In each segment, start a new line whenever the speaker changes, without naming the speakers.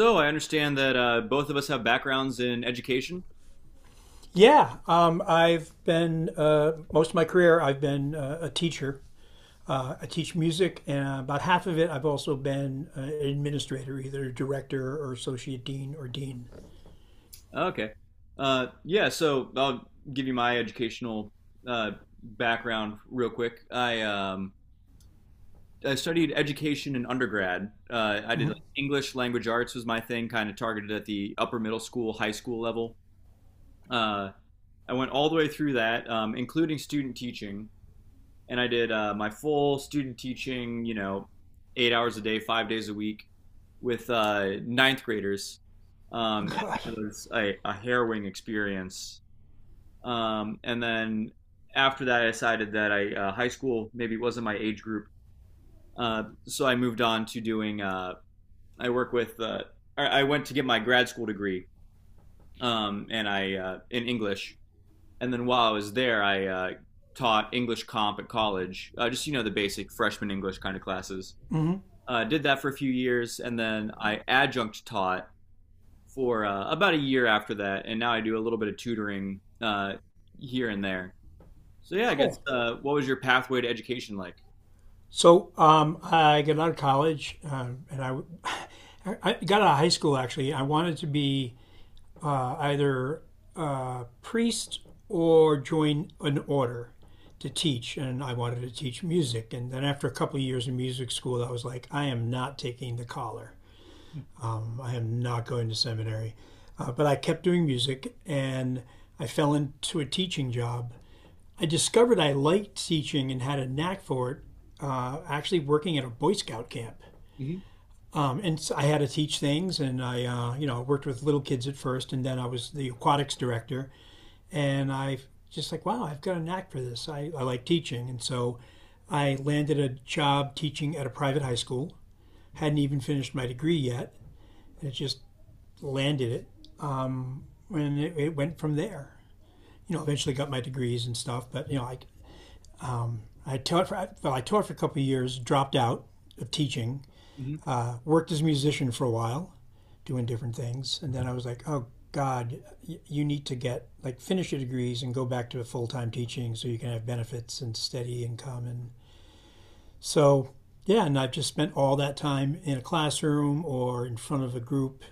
So I understand that both of us have backgrounds in education.
Yeah, I've been most of my career, I've been a teacher. I teach music, and about half of it, I've also been an administrator, either director or associate dean or dean.
Okay. Yeah, so I'll give you my educational uh, background real quick. I studied education in undergrad. I did
Hmm
like English language arts was my thing, kind of targeted at the upper middle school, high school level. Uh, I went all the way through that, including student teaching, and I did my full student teaching, you know, 8 hours a day, 5 days a week with ninth graders. And
God,
it was a harrowing experience. And then after that, I decided that I high school maybe wasn't my age group. So I moved on to doing, I work with, I went to get my grad school degree, and I in English. And then while I was there, I taught English comp at college, just you know the basic freshman English kind of classes.
hmm
Did that for a few years, and then I adjunct taught for about a year after that, and now I do a little bit of tutoring here and there. So yeah, I guess
Cool.
what was your pathway to education like?
So I got out of college, and I, I got out of high school. Actually, I wanted to be either a priest or join an order to teach. And I wanted to teach music. And then after a couple of years in music school, I was like, I am not taking the collar. I am not going to seminary. But I kept doing music and I fell into a teaching job. I discovered I liked teaching and had a knack for it, actually working at a Boy Scout camp.
hmm
And so I had to teach things, and I, worked with little kids at first, and then I was the aquatics director and I just like, wow, I've got a knack for this. I like teaching. And so I landed a job teaching at a private high school. Hadn't even finished my degree yet. It just landed it. Um, and it went from there. You know, eventually got my degrees and stuff. But, you know, I taught for, well, I taught for a couple of years, dropped out of teaching,
hmm
worked as a musician for a while, doing different things. And then I was like, oh God, you need to get like finish your degrees and go back to full time teaching so you can have benefits and steady income. And so, yeah, and I've just spent all that time in a classroom or in front of a group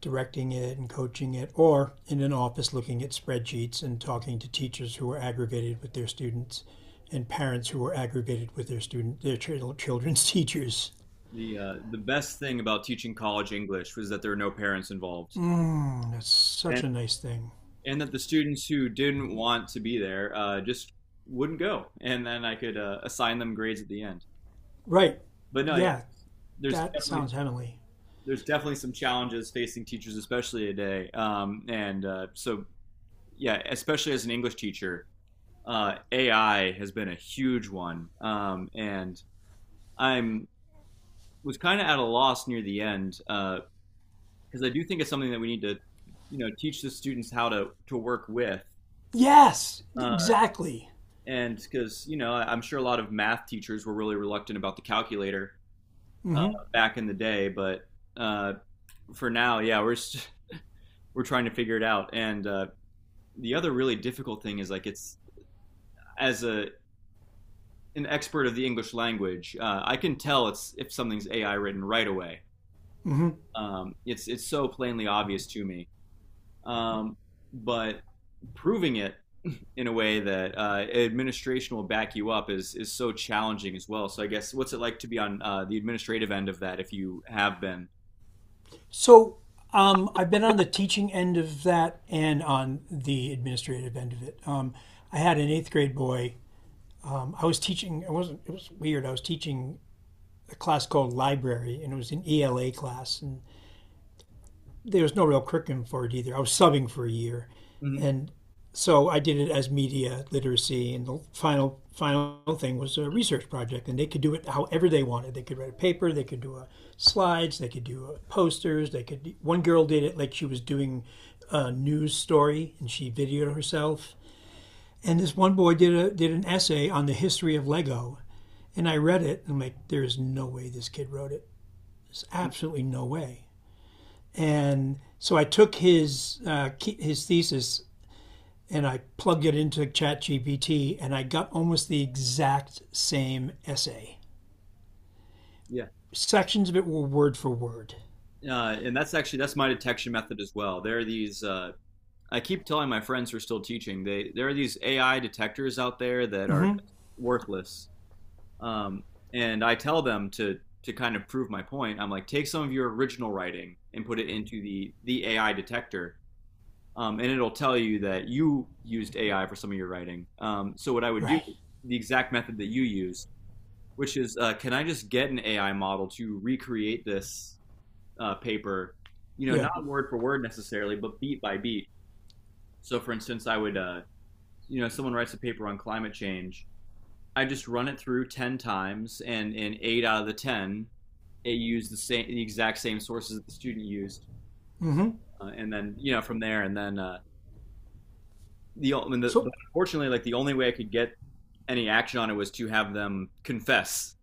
directing it and coaching it, or in an office looking at spreadsheets and talking to teachers who are aggravated with their students and parents who are aggravated with their children's teachers.
The best thing about teaching college English was that there were no parents involved,
Mm, that's such a nice thing.
and that the students who didn't want to be there just wouldn't go, and then I could assign them grades at the end.
Right.
But no, yeah,
Yeah,
there's
that
definitely
sounds heavenly.
there's definitely some challenges facing teachers, especially today. And So yeah, especially as an English teacher, AI has been a huge one, and I'm was kind of at a loss near the end because I do think it's something that we need to you know teach the students how to work with.
Yes,
Um,
exactly.
and because you know I- am sure a lot of math teachers were really reluctant about the calculator uh,
hmm
back in the day, but uh, for now, yeah, we're we're trying to figure it out. And the other really difficult thing is like it's as a an expert of the english language, I can tell it's if something's ai written right away.
hmm
It's so plainly obvious to me. um, but proving it in a way that administration will back you up is so challenging as well. So I guess what's it like to be on the administrative end of that, if you have been?
So I've been on the teaching end of that and on the administrative end of it. I had an eighth grade boy. I was teaching. It wasn't. It was weird. I was teaching a class called library, and it was an ELA class, and there was no real curriculum for it either. I was subbing for a year,
Mm-hmm.
and so I did it as media literacy. And the final thing was a research project, and they could do it however they wanted. They could write a paper, they could do a slides, they could do a posters, they could. One girl did it like she was doing a news story, and she videoed herself. And this one boy did a did an essay on the history of Lego, and I read it, and I'm like, there is no way this kid wrote it. There's absolutely no way. And so I took his thesis and I plugged it into ChatGPT, and I got almost the exact same essay.
Yeah,
Sections of it were word for word.
and that's actually that's my detection method as well. There are these. I keep telling my friends who are still teaching. They there are these AI detectors out there that are worthless. Um, and I tell them to kind of prove my point. I'm like, take some of your original writing and put it into the AI detector, and it'll tell you that you used AI for some of your writing. So what I would do
Right.
is the exact method that you use, which is, can I just get an AI model to recreate this paper? You know,
Yeah.
not word for word necessarily, but beat by beat. So, for instance, I would, you know, someone writes a paper on climate change. I just run it through 10 times, and in 8 out of 10, it used the exact same sources that the student used,
hmm
and then you know from there, and then I mean,
So
unfortunately, like the only way I could get any action on it was to have them confess.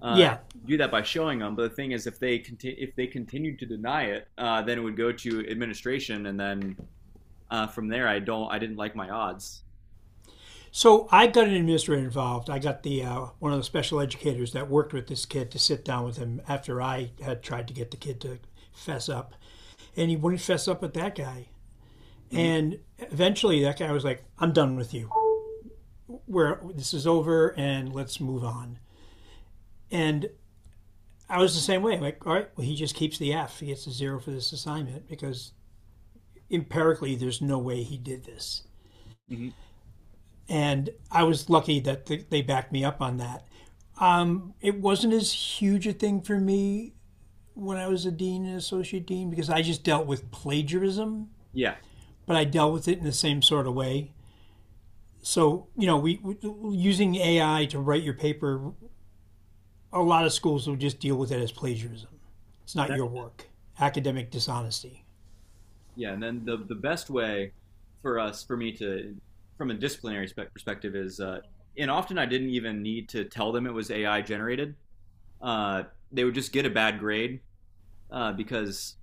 Uh,
yeah.
do that by showing them. But the thing is, if they continued to deny it, then it would go to administration, and then from there, I didn't like my odds.
So I got an administrator involved. I got the one of the special educators that worked with this kid to sit down with him after I had tried to get the kid to fess up, and he wouldn't fess up with that guy.
hmm
And eventually, that guy was like, "I'm done with you. Where this is over and let's move on. And I was the same way. Like, all right, well, he just keeps the F. He gets a zero for this assignment because empirically, there's no way he did this.
hmm
And I was lucky that they backed me up on that. It wasn't as huge a thing for me when I was a dean and associate dean because I just dealt with plagiarism,
Yeah,
but I dealt with it in the same sort of way. So, you know, we using AI to write your paper, a lot of schools will just deal with it as plagiarism. It's not
that,
your work. Academic dishonesty.
yeah. And then the best way for me to, from a disciplinary spec perspective, is, and often I didn't even need to tell them it was AI generated. Uh, they would just get a bad grade because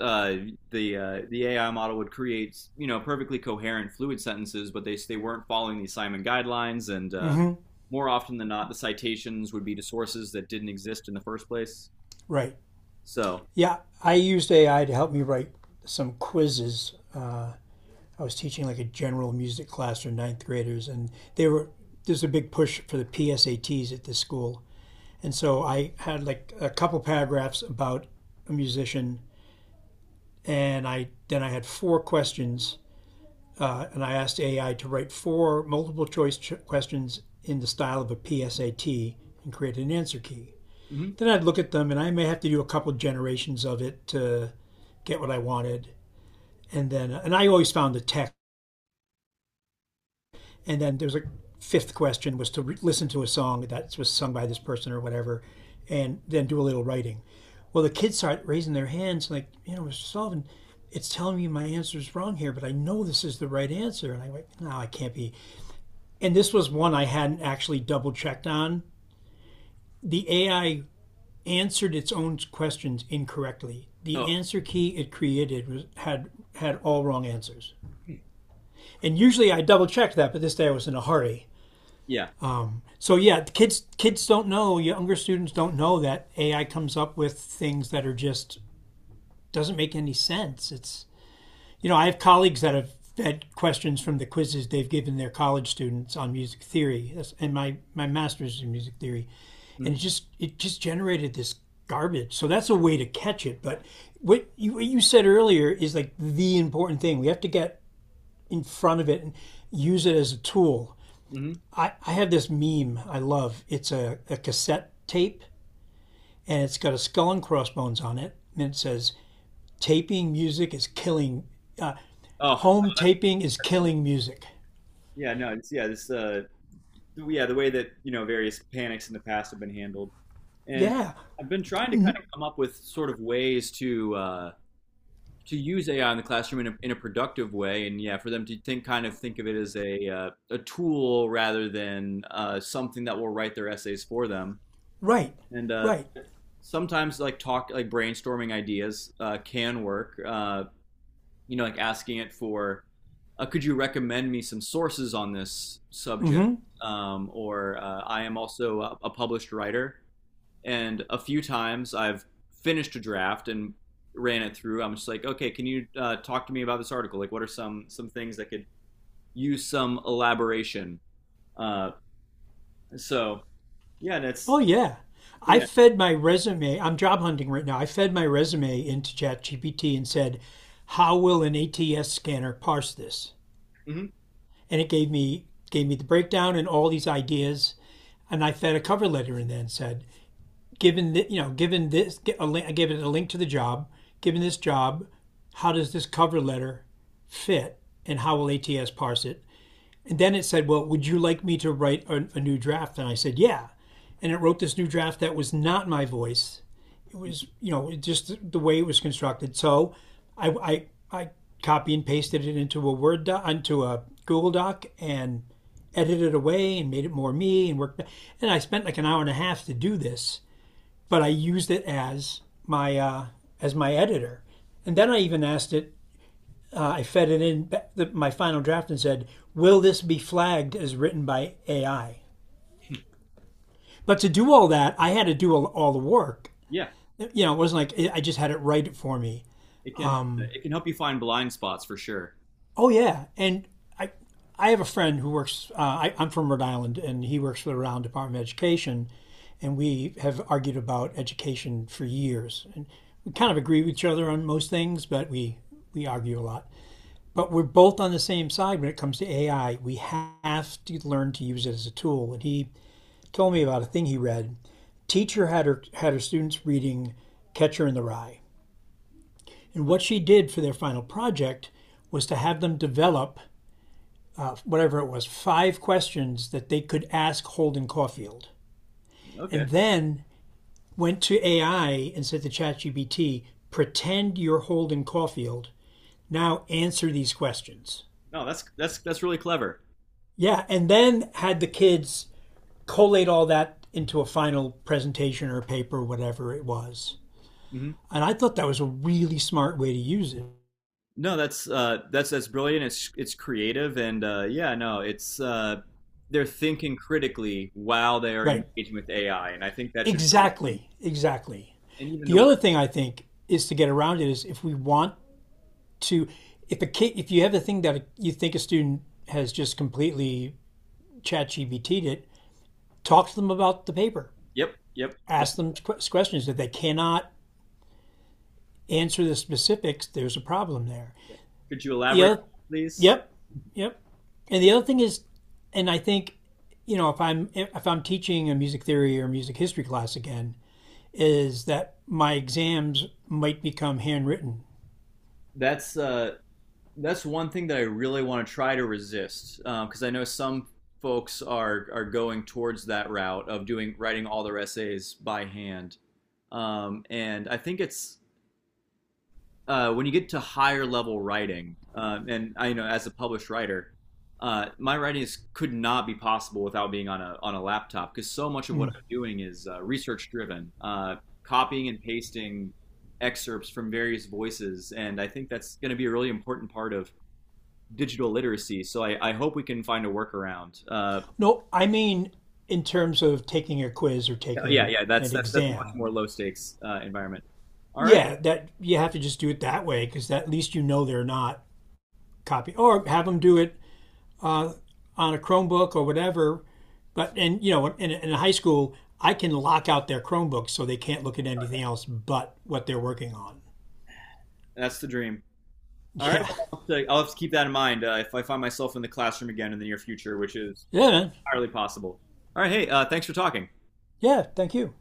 uh, the AI model would create you know perfectly coherent fluid sentences, but they weren't following the assignment guidelines, and
hmm
more often than not, the citations would be to sources that didn't exist in the first place.
Right.
So,
Yeah, I used AI to help me write some quizzes. I was teaching like a general music class for ninth graders, and they were there's a big push for the PSATs at this school, and so I had like a couple paragraphs about a musician, and I had four questions. And I asked AI to write four multiple choice questions in the style of a PSAT and create an answer key.
mhm.
Then I'd look at them, and I may have to do a couple generations of it to get what I wanted. And then, and I always found the text. And then there was a fifth question was to listen to a song that was sung by this person or whatever, and then do a little writing. Well, the kids start raising their hands, like, you know, Mr. Sullivan, it's telling me my answer is wrong here, but I know this is the right answer. And I went, no, I can't be, and this was one I hadn't actually double checked on. The AI answered its own questions incorrectly. The
Oh
answer key it created was, had all wrong answers. And usually I double checked that, but this day I was in a hurry.
yeah,
So yeah, kids don't know, younger students don't know that AI comes up with things that are just doesn't make any sense. It's, you know, I have colleagues that have fed questions from the quizzes they've given their college students on music theory, and my master's in music theory. And
hmm
it just generated this garbage. So that's a way to catch it. But what you said earlier is like the important thing. We have to get in front of it and use it as a tool.
hmm.
I have this meme I love. It's a cassette tape and it's got a skull and crossbones on it. And it says, taping music is killing, uh,
Oh
home taping is killing music.
yeah, no, it's, yeah, this yeah, the way that you know various panics in the past have been handled, and
Yeah,
I've been trying to kind of come up with sort of ways to use AI in the classroom in in a productive way, and yeah, for them to think of it as a tool rather than something that will write their essays for them.
right,
And
right.
sometimes like talk like brainstorming ideas can work. You know, like asking it for, could you recommend me some sources on this subject?
hmm
Or I am also a published writer. And a few times I've finished a draft and ran it through. I'm just like, okay, can you talk to me about this article? Like, what are some things that could use some elaboration? Uh, so, yeah, that's so
Oh yeah. I
yeah,
fed my resume. I'm job hunting right now. I fed my resume into ChatGPT and said, "How will an ATS scanner parse this?"
hmm,
And it gave me the breakdown and all these ideas. And I fed a cover letter in there and said, "Given that, you know, given this, I gave it a link to the job. Given this job, how does this cover letter fit, and how will ATS parse it?" And then it said, well, would you like me to write a new draft? And I said, yeah. And it wrote this new draft that was not my voice. It was, you know, it just the way it was constructed. So I, I, I copy and pasted it into a Word doc, into a Google Doc, and edited away and made it more me and worked. And I spent like an hour and a half to do this, but I used it my uh, as my editor. And
yeah,
then I even asked it, I fed it in my final draft and said, "Will this be flagged as written by AI?" But to do all that, I had to do all the work.
yeah.
You know, it wasn't like I just had it write it for me.
It can help you find blind spots for sure.
Oh yeah, and I I have a friend who works. I'm from Rhode Island, and he works for the Rhode Island Department of Education, and we have argued about education for years. And we kind of agree with each other on most things, but we argue a lot. But we're both on the same side when it comes to AI. We have to learn to use it as a tool. And he told me about a thing he read. Teacher had her students reading Catcher in the Rye, and what she did for their final project was to have them develop, whatever it was, five questions that they could ask Holden Caulfield,
Okay,
and then went to AI and said to ChatGPT, "Pretend you're Holden Caulfield. Now answer these questions."
no, that's that's really clever.
Yeah, and then had the kids collate all that into a final presentation or paper, whatever it was.
Hmm.
And I thought that was a really smart way to use it.
No, that's brilliant. It's creative and, yeah, no, it's they're thinking critically while they are
Right.
engaging with AI, and I think that should really be,
Exactly.
and even the
The
work.
other thing I think is to get around it is if we want to, if a kid, if you have a thing that you think a student has just completely chat GBT'd it, talk to them about the paper.
Yep, yep. No,
Ask them questions. If they cannot answer the specifics, there's a problem there.
yeah. Could you
the
elaborate,
other,
please?
yep, yep. And the other thing is, and I think, you know, if I'm teaching a music theory or music history class again, is that my exams might become handwritten.
That's uh, that's one thing that I really want to try to resist because I know some folks are going towards that route of doing writing all their essays by hand, and I think it's when you get to higher level writing, and I you know as a published writer, my writing is, could not be possible without being on a laptop because so much of what I'm doing is research driven, copying and pasting excerpts from various voices, and I think that's going to be a really important part of digital literacy. So I hope we can find a workaround.
No, I mean in terms of taking a quiz or taking
Yeah, that's
an
that's a much
exam.
more low stakes environment. All right,
Yeah, that you have to just do it that way because at least you know they're not copy or have them do it on a Chromebook or whatever, but and you know in a high school I can lock out their Chromebooks so they can't look at anything else but what they're working on.
that's the dream. All right,
Yeah,
well, I'll have to keep that in mind if I find myself in the classroom again in the near future, which is
yeah, man.
entirely possible. All right, hey, thanks for talking.
Yeah. Thank you.